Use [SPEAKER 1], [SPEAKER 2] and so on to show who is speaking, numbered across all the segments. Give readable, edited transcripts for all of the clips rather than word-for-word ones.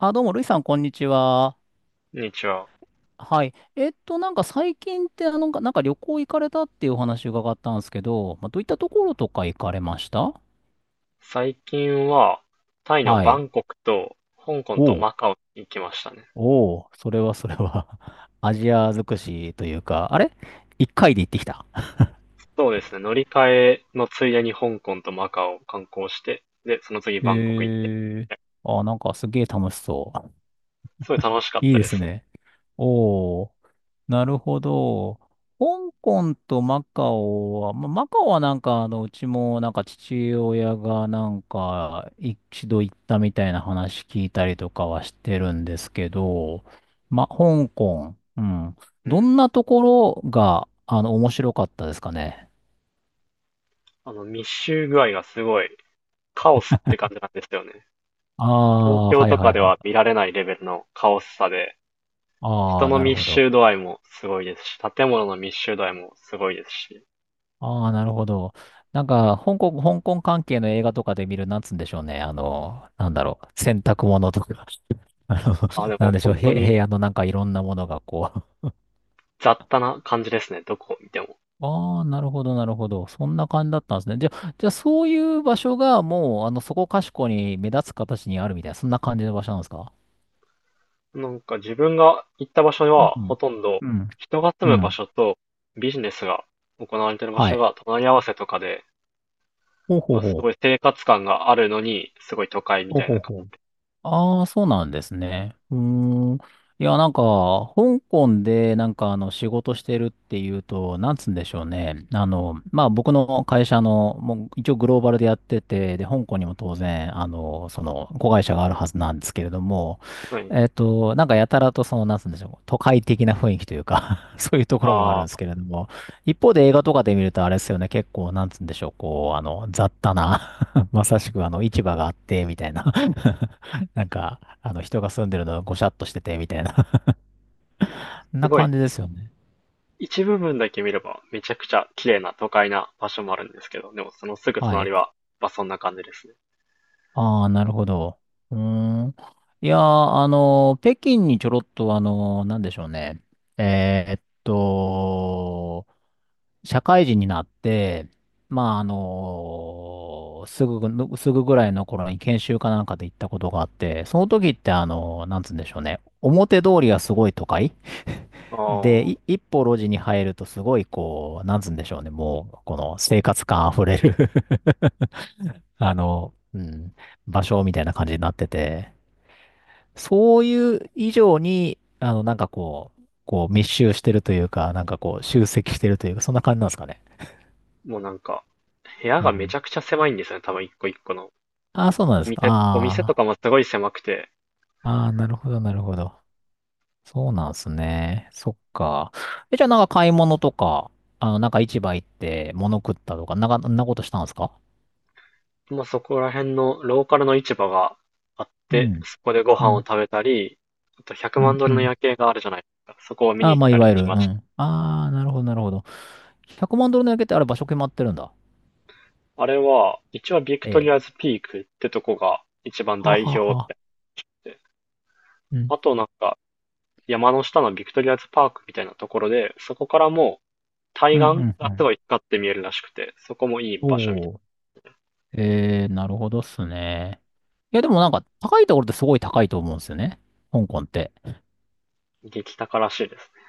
[SPEAKER 1] あ、どうも、ルイさん、こんにちは。
[SPEAKER 2] こんにちは。
[SPEAKER 1] はい。なんか最近って、なんか旅行行かれたっていうお話伺ったんですけど、まあ、どういったところとか行かれました？
[SPEAKER 2] 最近は、タイの
[SPEAKER 1] は
[SPEAKER 2] バ
[SPEAKER 1] い。
[SPEAKER 2] ンコクと、香港と
[SPEAKER 1] おう、
[SPEAKER 2] マカオに行きましたね。
[SPEAKER 1] おう、それはそれは。 アジア尽くしというか、あれ一回で行ってきた。
[SPEAKER 2] そうですね。乗り換えのついでに香港とマカオを観光して、で、その次
[SPEAKER 1] え
[SPEAKER 2] バンコク行って。
[SPEAKER 1] ー、あ、なんかすげえ楽しそう。
[SPEAKER 2] すごい楽しかっ
[SPEAKER 1] いい
[SPEAKER 2] た
[SPEAKER 1] で
[SPEAKER 2] で
[SPEAKER 1] す
[SPEAKER 2] すね。
[SPEAKER 1] ね。おお。なるほど。香港とマカオは、まあ、マカオはなんか、うちもなんか父親がなんか一度行ったみたいな話聞いたりとかはしてるんですけど、ま、香港、うん。
[SPEAKER 2] う
[SPEAKER 1] ど
[SPEAKER 2] ん。
[SPEAKER 1] んなところが、面白かったですかね？
[SPEAKER 2] 密集具合がすごい、カオスって感じなんですよね。
[SPEAKER 1] あ
[SPEAKER 2] 東
[SPEAKER 1] あ、
[SPEAKER 2] 京
[SPEAKER 1] はい
[SPEAKER 2] と
[SPEAKER 1] は
[SPEAKER 2] か
[SPEAKER 1] い
[SPEAKER 2] で
[SPEAKER 1] は
[SPEAKER 2] は
[SPEAKER 1] い。
[SPEAKER 2] 見られないレベルのカオスさで、
[SPEAKER 1] あ
[SPEAKER 2] 人
[SPEAKER 1] あ、
[SPEAKER 2] の
[SPEAKER 1] なる
[SPEAKER 2] 密
[SPEAKER 1] ほど。
[SPEAKER 2] 集度合いもすごいですし、建物の密集度合いもすごいですし。
[SPEAKER 1] ああ、なるほど。なんか、香港関係の映画とかで見る、なんつうんでしょうね。なんだろう。洗濯物とか。あの、
[SPEAKER 2] あ、で
[SPEAKER 1] なん
[SPEAKER 2] も
[SPEAKER 1] でしょう。
[SPEAKER 2] 本当
[SPEAKER 1] へ、
[SPEAKER 2] に
[SPEAKER 1] 部屋のなんかいろんなものがこう。
[SPEAKER 2] 雑多な感じですね。どこを見ても。
[SPEAKER 1] ああ、なるほど、なるほど。そんな感じだったんですね。じゃあそういう場所がもう、そこかしこに目立つ形にあるみたいな、そんな感じの場所なんですか？
[SPEAKER 2] なんか自分が行った場所
[SPEAKER 1] う
[SPEAKER 2] はほ
[SPEAKER 1] ん。
[SPEAKER 2] とんど
[SPEAKER 1] うん。
[SPEAKER 2] 人が住
[SPEAKER 1] う
[SPEAKER 2] む場
[SPEAKER 1] ん。
[SPEAKER 2] 所とビジネスが行われている場
[SPEAKER 1] は
[SPEAKER 2] 所
[SPEAKER 1] い。
[SPEAKER 2] が隣り合わせとかで、
[SPEAKER 1] ほうほ
[SPEAKER 2] ま
[SPEAKER 1] う
[SPEAKER 2] あす
[SPEAKER 1] ほう。
[SPEAKER 2] ごい生活感があるのに、すごい都会み
[SPEAKER 1] ほう
[SPEAKER 2] たい
[SPEAKER 1] ほう
[SPEAKER 2] な感
[SPEAKER 1] ほう。
[SPEAKER 2] じ。
[SPEAKER 1] ああ、そうなんですね。うーん。いや、なんか、香港で、なんか、仕事してるっていうと、なんつうんでしょうね。まあ、僕の会社の、もう、一応グローバルでやってて、で、香港にも当然、子会社があるはずなんですけれども、
[SPEAKER 2] はい。
[SPEAKER 1] なんか、やたらと、その、なんつうんでしょう、都会的な雰囲気というか そういうところもあるん
[SPEAKER 2] あ
[SPEAKER 1] です
[SPEAKER 2] あ、
[SPEAKER 1] けれども、一方で映画とかで見ると、あれですよね、結構、なんつうんでしょう、こう、雑多な まさしく、市場があって、みたいな、なんか、人が住んでるのがごしゃっとしてて、みたいな
[SPEAKER 2] す
[SPEAKER 1] な
[SPEAKER 2] ごい。
[SPEAKER 1] 感じですよね。
[SPEAKER 2] 一部分だけ見ればめちゃくちゃ綺麗な都会な場所もあるんですけど、でもそのすぐ
[SPEAKER 1] は
[SPEAKER 2] 隣
[SPEAKER 1] い。
[SPEAKER 2] は、まあそんな感じですね。
[SPEAKER 1] ああ、なるほど。うーん。いやー、北京にちょろっと、なんでしょうね。えーっと、社会人になって、まあ、すぐぐらいの頃に研修かなんかで行ったことがあって、その時って、なんつうんでしょうね。表通りがすごい都会 で、
[SPEAKER 2] あ
[SPEAKER 1] い
[SPEAKER 2] あ、
[SPEAKER 1] 一歩路地に入るとすごい、こう、なんつうんでしょうね。もう、この生活感あふれるうん、場所みたいな感じになってて、そういう以上に、なんかこう、こう密集してるというか、なんかこう集積してるというか、そんな感じなんですかね？
[SPEAKER 2] もうなんか部屋
[SPEAKER 1] う
[SPEAKER 2] がめち
[SPEAKER 1] ん。
[SPEAKER 2] ゃくちゃ狭いんですよね。多分一個一個の。
[SPEAKER 1] ああ、そうなんで
[SPEAKER 2] お
[SPEAKER 1] すか。
[SPEAKER 2] 店、お店と
[SPEAKER 1] あ
[SPEAKER 2] かもすごい狭くて、
[SPEAKER 1] あ、ああ、なるほど、なるほど。そうなんですね。そっか。え、じゃあなんか買い物とか、なんか市場行って物食ったとか、なんか、そんなことしたんですか？
[SPEAKER 2] まあ、そこら辺のローカルの市場があっ
[SPEAKER 1] う
[SPEAKER 2] て、
[SPEAKER 1] ん、
[SPEAKER 2] そこでご
[SPEAKER 1] う
[SPEAKER 2] 飯を
[SPEAKER 1] ん、
[SPEAKER 2] 食べたり、あと100
[SPEAKER 1] う
[SPEAKER 2] 万
[SPEAKER 1] ん、
[SPEAKER 2] ド
[SPEAKER 1] う
[SPEAKER 2] ルの
[SPEAKER 1] ん。
[SPEAKER 2] 夜景があるじゃないですか。そこを見
[SPEAKER 1] あ
[SPEAKER 2] に
[SPEAKER 1] あ、
[SPEAKER 2] 行っ
[SPEAKER 1] まあ、い
[SPEAKER 2] た
[SPEAKER 1] わ
[SPEAKER 2] り
[SPEAKER 1] ゆる、
[SPEAKER 2] し
[SPEAKER 1] う
[SPEAKER 2] まし
[SPEAKER 1] ん。ああ、なるほど、なるほど。100万ドルの焼けってあれ場所決まってるんだ。
[SPEAKER 2] た。あれは、一応ビク
[SPEAKER 1] え
[SPEAKER 2] トリ
[SPEAKER 1] え。
[SPEAKER 2] アズピークってとこが一番
[SPEAKER 1] は
[SPEAKER 2] 代
[SPEAKER 1] は
[SPEAKER 2] 表っ
[SPEAKER 1] は。
[SPEAKER 2] て。
[SPEAKER 1] うん。
[SPEAKER 2] あとなんか、山の下のビクトリアズパークみたいなところで、そこからもう
[SPEAKER 1] う
[SPEAKER 2] 対
[SPEAKER 1] ん
[SPEAKER 2] 岸
[SPEAKER 1] うん
[SPEAKER 2] が
[SPEAKER 1] う
[SPEAKER 2] す
[SPEAKER 1] ん。
[SPEAKER 2] ごい光って見えるらしくて、そこもいい場所みたい
[SPEAKER 1] おー。えー、なるほどっすね。いや、でもなんか、高いところってすごい高いと思うんですよね。香港って。
[SPEAKER 2] な。激高らしいですね。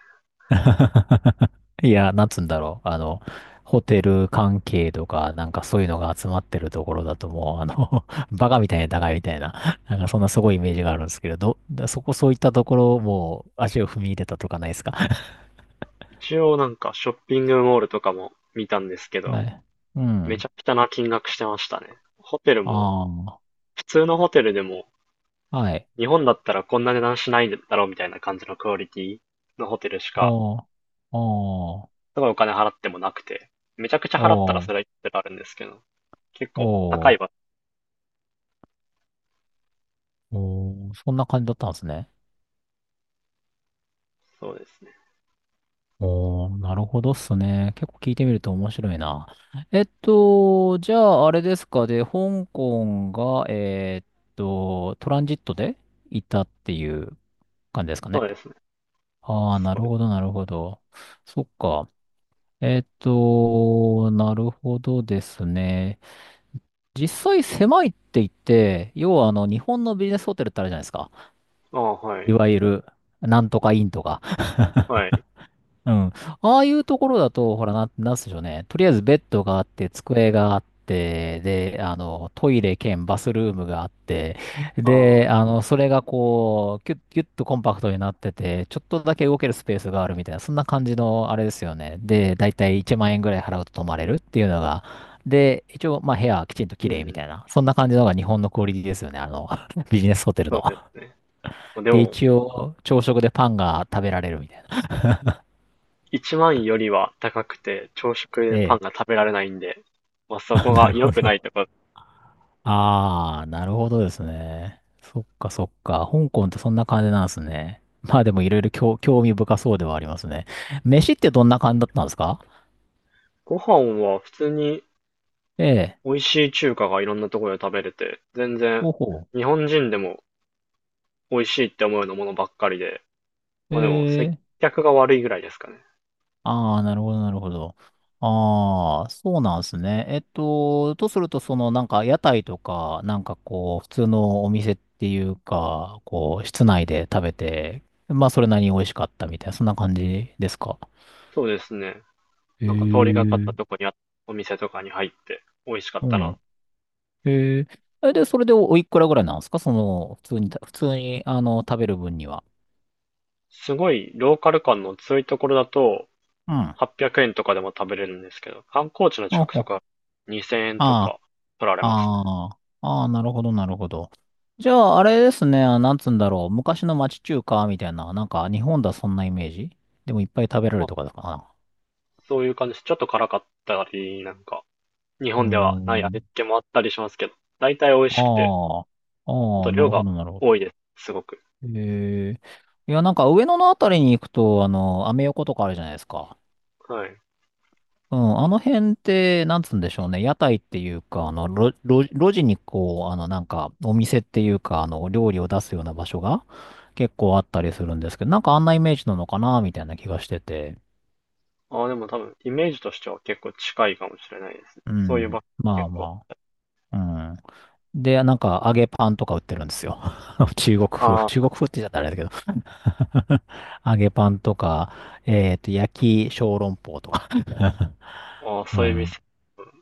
[SPEAKER 1] いや、なんつうんだろう。ホテル関係とか、なんかそういうのが集まってるところだともう、バカみたいに高いみたいな、なんかそんなすごいイメージがあるんですけれど、だそこそういったところもう足を踏み入れたとかないですか？
[SPEAKER 2] 一応なんかショッピングモールとかも見たんですけ ど、
[SPEAKER 1] はい。う
[SPEAKER 2] めち
[SPEAKER 1] ん。
[SPEAKER 2] ゃくちゃな金額してましたね。ホテルも、
[SPEAKER 1] あ
[SPEAKER 2] 普通のホテルでも、
[SPEAKER 1] あ、はい。
[SPEAKER 2] 日本だったらこんな値段しないだろうみたいな感じのクオリティのホテルしか、
[SPEAKER 1] おー、おー、
[SPEAKER 2] すごいお金払ってもなくて、めちゃくちゃ払ったら
[SPEAKER 1] お
[SPEAKER 2] そ
[SPEAKER 1] ー、
[SPEAKER 2] れはいくらあるんですけど、結構高
[SPEAKER 1] お
[SPEAKER 2] い
[SPEAKER 1] ー。
[SPEAKER 2] 場
[SPEAKER 1] おー、そんな感じだったんですね。
[SPEAKER 2] 所、そうですね。
[SPEAKER 1] おー、なるほどっすね。結構聞いてみると面白いな。じゃあ、あれですかで、香港が、トランジットでいたっていう感じですか
[SPEAKER 2] そ
[SPEAKER 1] ね？
[SPEAKER 2] うですね。
[SPEAKER 1] ああ、な
[SPEAKER 2] そう
[SPEAKER 1] る
[SPEAKER 2] で
[SPEAKER 1] ほど、
[SPEAKER 2] す。
[SPEAKER 1] なるほど。そっか。なるほどですね。実際狭いって言って、要は日本のビジネスホテルってあるじゃないですか。
[SPEAKER 2] ああ、は
[SPEAKER 1] い
[SPEAKER 2] い。
[SPEAKER 1] わゆる、なんとかインとか。
[SPEAKER 2] は い。
[SPEAKER 1] うん。ああいうところだと、ほら、なんすでしょうね。とりあえずベッドがあって、机があって、で、トイレ兼バスルームがあって、
[SPEAKER 2] あ
[SPEAKER 1] で、
[SPEAKER 2] あ、
[SPEAKER 1] それがこう、キュッ、キュッとコンパクトになってて、ちょっとだけ動けるスペースがあるみたいな、そんな感じの、あれですよね。で、だいたい1万円ぐらい払うと泊まれるっていうのが、で、一応、まあ、部屋はきちんと
[SPEAKER 2] う
[SPEAKER 1] 綺麗み
[SPEAKER 2] ん。
[SPEAKER 1] たいな、そんな感じのが日本のクオリティですよね。ビジネスホテル
[SPEAKER 2] そう
[SPEAKER 1] の。
[SPEAKER 2] ですね。で
[SPEAKER 1] で、
[SPEAKER 2] も、
[SPEAKER 1] 一応、朝食でパンが食べられるみたいな。
[SPEAKER 2] 1万よりは高くて、朝食
[SPEAKER 1] え
[SPEAKER 2] でパン
[SPEAKER 1] え。
[SPEAKER 2] が食べられないんで、まあ そ
[SPEAKER 1] あ、
[SPEAKER 2] こ
[SPEAKER 1] な
[SPEAKER 2] が
[SPEAKER 1] る
[SPEAKER 2] 良
[SPEAKER 1] ほ
[SPEAKER 2] くない
[SPEAKER 1] ど。
[SPEAKER 2] とか、
[SPEAKER 1] ああ、なるほどですね。そっかそっか。香港ってそんな感じなんですね。まあでもいろいろ興興味深そうではありますね。飯ってどんな感じだったんですか？
[SPEAKER 2] ご飯は普通に
[SPEAKER 1] ええ。
[SPEAKER 2] 美味しい中華がいろんなところで食べれて、全然
[SPEAKER 1] ほうほ
[SPEAKER 2] 日本人でも美味しいって思うようなものばっかりで、
[SPEAKER 1] う。
[SPEAKER 2] まあでも
[SPEAKER 1] え
[SPEAKER 2] 接
[SPEAKER 1] え。
[SPEAKER 2] 客が悪いぐらいですかね。
[SPEAKER 1] ああ、なるほど、なるほど。ああ、そうなんですね。とすると、その、なんか、屋台とか、なんかこう、普通のお店っていうか、こう、室内で食べて、まあ、それなりに美味しかったみたいな、そんな感じですか？
[SPEAKER 2] そうですね。
[SPEAKER 1] え
[SPEAKER 2] なんか通りがか
[SPEAKER 1] え。
[SPEAKER 2] ったとこにあったお店とかに入って美味しかっ
[SPEAKER 1] う
[SPEAKER 2] たな。
[SPEAKER 1] ん。へえ。え、で、それでおおいくらぐらいなんですか？その、普通に、食べる分には。
[SPEAKER 2] すごいローカル感の強いところだと
[SPEAKER 1] うん。あ
[SPEAKER 2] 800円とかでも食べれるんですけど、観光地の近くと
[SPEAKER 1] ほ。
[SPEAKER 2] か2000円と
[SPEAKER 1] あ
[SPEAKER 2] か取られ
[SPEAKER 1] あ、
[SPEAKER 2] ますね。
[SPEAKER 1] ああ、ああ、なるほど、なるほど。じゃあ、あれですね、あなんつうんだろう。昔の町中華みたいな、なんか、日本だそんなイメージでもいっぱい食べられ
[SPEAKER 2] ま
[SPEAKER 1] る
[SPEAKER 2] あ
[SPEAKER 1] とかだかな。
[SPEAKER 2] そういう感じです。ちょっと辛かったり、なんか日
[SPEAKER 1] うー
[SPEAKER 2] 本ではない味付
[SPEAKER 1] ん。
[SPEAKER 2] けもあったりしますけど、大体美味しくて
[SPEAKER 1] ああ、
[SPEAKER 2] あ
[SPEAKER 1] あ
[SPEAKER 2] と
[SPEAKER 1] あ、な
[SPEAKER 2] 量
[SPEAKER 1] る
[SPEAKER 2] が
[SPEAKER 1] ほど、なるほ
[SPEAKER 2] 多いです、すごく。
[SPEAKER 1] ど。へえ。いや、なんか、上野のあたりに行くと、アメ横とかあるじゃないですか。
[SPEAKER 2] はい。
[SPEAKER 1] うん、あの辺って、なんつうんでしょうね。屋台っていうか、路地にこう、なんか、お店っていうか、料理を出すような場所が結構あったりするんですけど、なんかあんなイメージなのかな、みたいな気がしてて。
[SPEAKER 2] ああ、でも多分、イメージとしては結構近いかもしれないですね。
[SPEAKER 1] う
[SPEAKER 2] そういう
[SPEAKER 1] ん。
[SPEAKER 2] 場
[SPEAKER 1] ま
[SPEAKER 2] 結
[SPEAKER 1] あ
[SPEAKER 2] 構。
[SPEAKER 1] まあ。うん。で、なんか、揚げパンとか売ってるんですよ。中国風。
[SPEAKER 2] あ
[SPEAKER 1] 中
[SPEAKER 2] ー
[SPEAKER 1] 国風って言っちゃったらあれだけど。揚げパンとか、焼き小籠包とか。
[SPEAKER 2] あー、
[SPEAKER 1] う
[SPEAKER 2] そういう
[SPEAKER 1] ん。
[SPEAKER 2] 店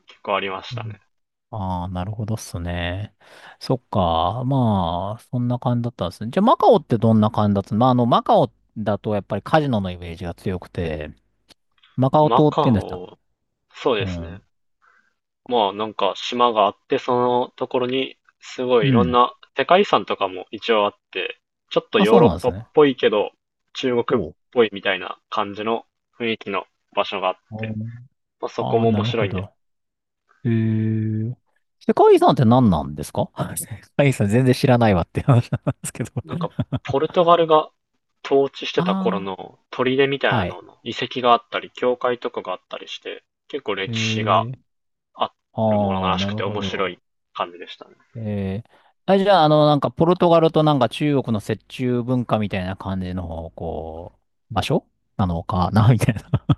[SPEAKER 2] 結構ありましたね。
[SPEAKER 1] ああ、なるほどっすね。そっか。まあ、そんな感じだったんですね。じゃあ、マカオってどんな感じだった？まあ、マカオだとやっぱりカジノのイメージが強くて、マカオ
[SPEAKER 2] マ
[SPEAKER 1] 島って言
[SPEAKER 2] カ
[SPEAKER 1] うんでしたっけ？
[SPEAKER 2] オ、そう
[SPEAKER 1] う
[SPEAKER 2] ですね。
[SPEAKER 1] ん。
[SPEAKER 2] まあなんか島があって、そのところにすごい
[SPEAKER 1] う
[SPEAKER 2] いろん
[SPEAKER 1] ん。
[SPEAKER 2] な世界遺産とかも一応あって、ちょっと
[SPEAKER 1] あ、
[SPEAKER 2] ヨー
[SPEAKER 1] そう
[SPEAKER 2] ロッ
[SPEAKER 1] なんで
[SPEAKER 2] パっ
[SPEAKER 1] すね。
[SPEAKER 2] ぽいけど、中国っ
[SPEAKER 1] おう。
[SPEAKER 2] ぽいみたいな感じの雰囲気の場所があって、まあ、そこ
[SPEAKER 1] ああ
[SPEAKER 2] も
[SPEAKER 1] ー、な
[SPEAKER 2] 面
[SPEAKER 1] る
[SPEAKER 2] 白
[SPEAKER 1] ほ
[SPEAKER 2] いんです
[SPEAKER 1] ど。えー、世界遺産って何なんですか？ 世界遺産全然知らないわって話なんですけど。
[SPEAKER 2] なんか、ポルトガルが統治してた頃
[SPEAKER 1] ああ、
[SPEAKER 2] の砦みたいな
[SPEAKER 1] は
[SPEAKER 2] の
[SPEAKER 1] い。
[SPEAKER 2] の遺跡があったり、教会とかがあったりして、結構歴史が
[SPEAKER 1] えー、
[SPEAKER 2] あるもの
[SPEAKER 1] ああ、
[SPEAKER 2] らし
[SPEAKER 1] な
[SPEAKER 2] く
[SPEAKER 1] る
[SPEAKER 2] て
[SPEAKER 1] ほ
[SPEAKER 2] 面白
[SPEAKER 1] ど。
[SPEAKER 2] い感じでしたね。
[SPEAKER 1] えー、あ、じゃあ、なんか、ポルトガルとなんか中国の折衷文化みたいな感じの、こう、場所なのかな、みたいな。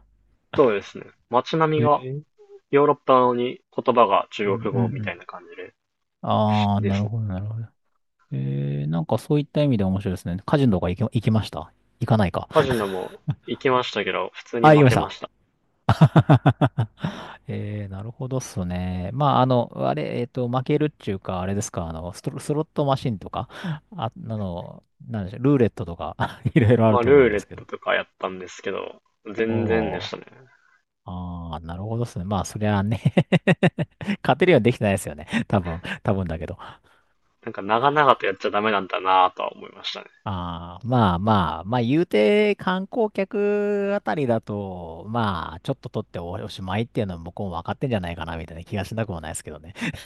[SPEAKER 2] そうですね。街並み
[SPEAKER 1] え
[SPEAKER 2] が
[SPEAKER 1] ー
[SPEAKER 2] ヨーロッパなのに言葉が
[SPEAKER 1] う
[SPEAKER 2] 中
[SPEAKER 1] ん
[SPEAKER 2] 国
[SPEAKER 1] う
[SPEAKER 2] 語み
[SPEAKER 1] んう
[SPEAKER 2] たい
[SPEAKER 1] ん。
[SPEAKER 2] な感じで、
[SPEAKER 1] ああ、
[SPEAKER 2] いいで
[SPEAKER 1] なる
[SPEAKER 2] すね。
[SPEAKER 1] ほど、なるほど。えー、なんかそういった意味で面白いですね。カジノとか行きました？行かないか。
[SPEAKER 2] カジノも行きましたけど、普通に
[SPEAKER 1] あ、行き
[SPEAKER 2] 負
[SPEAKER 1] まし
[SPEAKER 2] けま
[SPEAKER 1] た。
[SPEAKER 2] した。
[SPEAKER 1] えー、なるほどっすね。まあ、あれ、負けるっていうか、あれですか、スロットマシンとか、あ、なんでしょう、ルーレットとか、いろいろあ
[SPEAKER 2] ま
[SPEAKER 1] る
[SPEAKER 2] あ、
[SPEAKER 1] と思う
[SPEAKER 2] ルー
[SPEAKER 1] ん
[SPEAKER 2] レ
[SPEAKER 1] で
[SPEAKER 2] ッ
[SPEAKER 1] すけど。
[SPEAKER 2] トとかやったんですけど、全然で
[SPEAKER 1] お
[SPEAKER 2] し
[SPEAKER 1] ー
[SPEAKER 2] たね。
[SPEAKER 1] ああ、なるほどですね。まあ、そりゃあね。 勝てるようにできてないですよね。多分、多分だけど。
[SPEAKER 2] なんか長々とやっちゃダメなんだなぁとは思いましたね。
[SPEAKER 1] ああ、まあまあ、まあ、言うて観光客あたりだと、まあ、ちょっと取っておしまいっていうのは向こうも分かってんじゃないかな、みたいな気がしなくもないですけどね。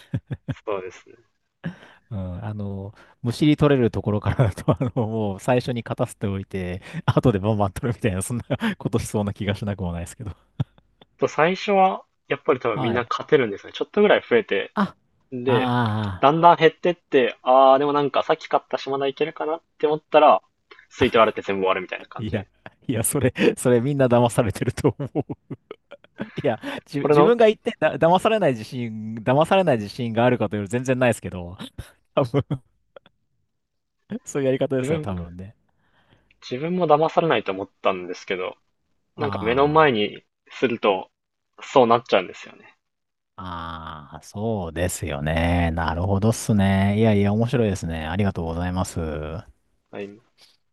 [SPEAKER 2] そうですね。
[SPEAKER 1] うん、むしり取れるところからだと、もう最初に勝たせておいて、後でバンバン取るみたいな、そんな ことしそうな気がしなくもないですけど。
[SPEAKER 2] と最初は、やっぱり多分みん
[SPEAKER 1] は
[SPEAKER 2] な
[SPEAKER 1] い。
[SPEAKER 2] 勝てるんですね。ちょっとぐらい増えて、
[SPEAKER 1] あ、あ
[SPEAKER 2] で、
[SPEAKER 1] あ、
[SPEAKER 2] だんだん減ってって、あー、でもなんかさっき買った島田いけるかなって思ったら、吸い取られて全部終わるみたいな感
[SPEAKER 1] い
[SPEAKER 2] じ。
[SPEAKER 1] や、いや、それ、それみんな騙されてると思う。いや、
[SPEAKER 2] これ
[SPEAKER 1] 自
[SPEAKER 2] の、
[SPEAKER 1] 分が言ってだ、騙されない自信、騙されない自信があるかというと全然ないですけど、多分 そういうやり方で
[SPEAKER 2] 自
[SPEAKER 1] すよ、
[SPEAKER 2] 分、
[SPEAKER 1] 多分ね。
[SPEAKER 2] 自分も騙されないと思ったんですけど、なんか目の前
[SPEAKER 1] あ
[SPEAKER 2] にすると、そうなっちゃうんですよね。
[SPEAKER 1] あ、ああ、そうですよね。なるほどっすね。いやいや、面白いですね。ありがとうございます。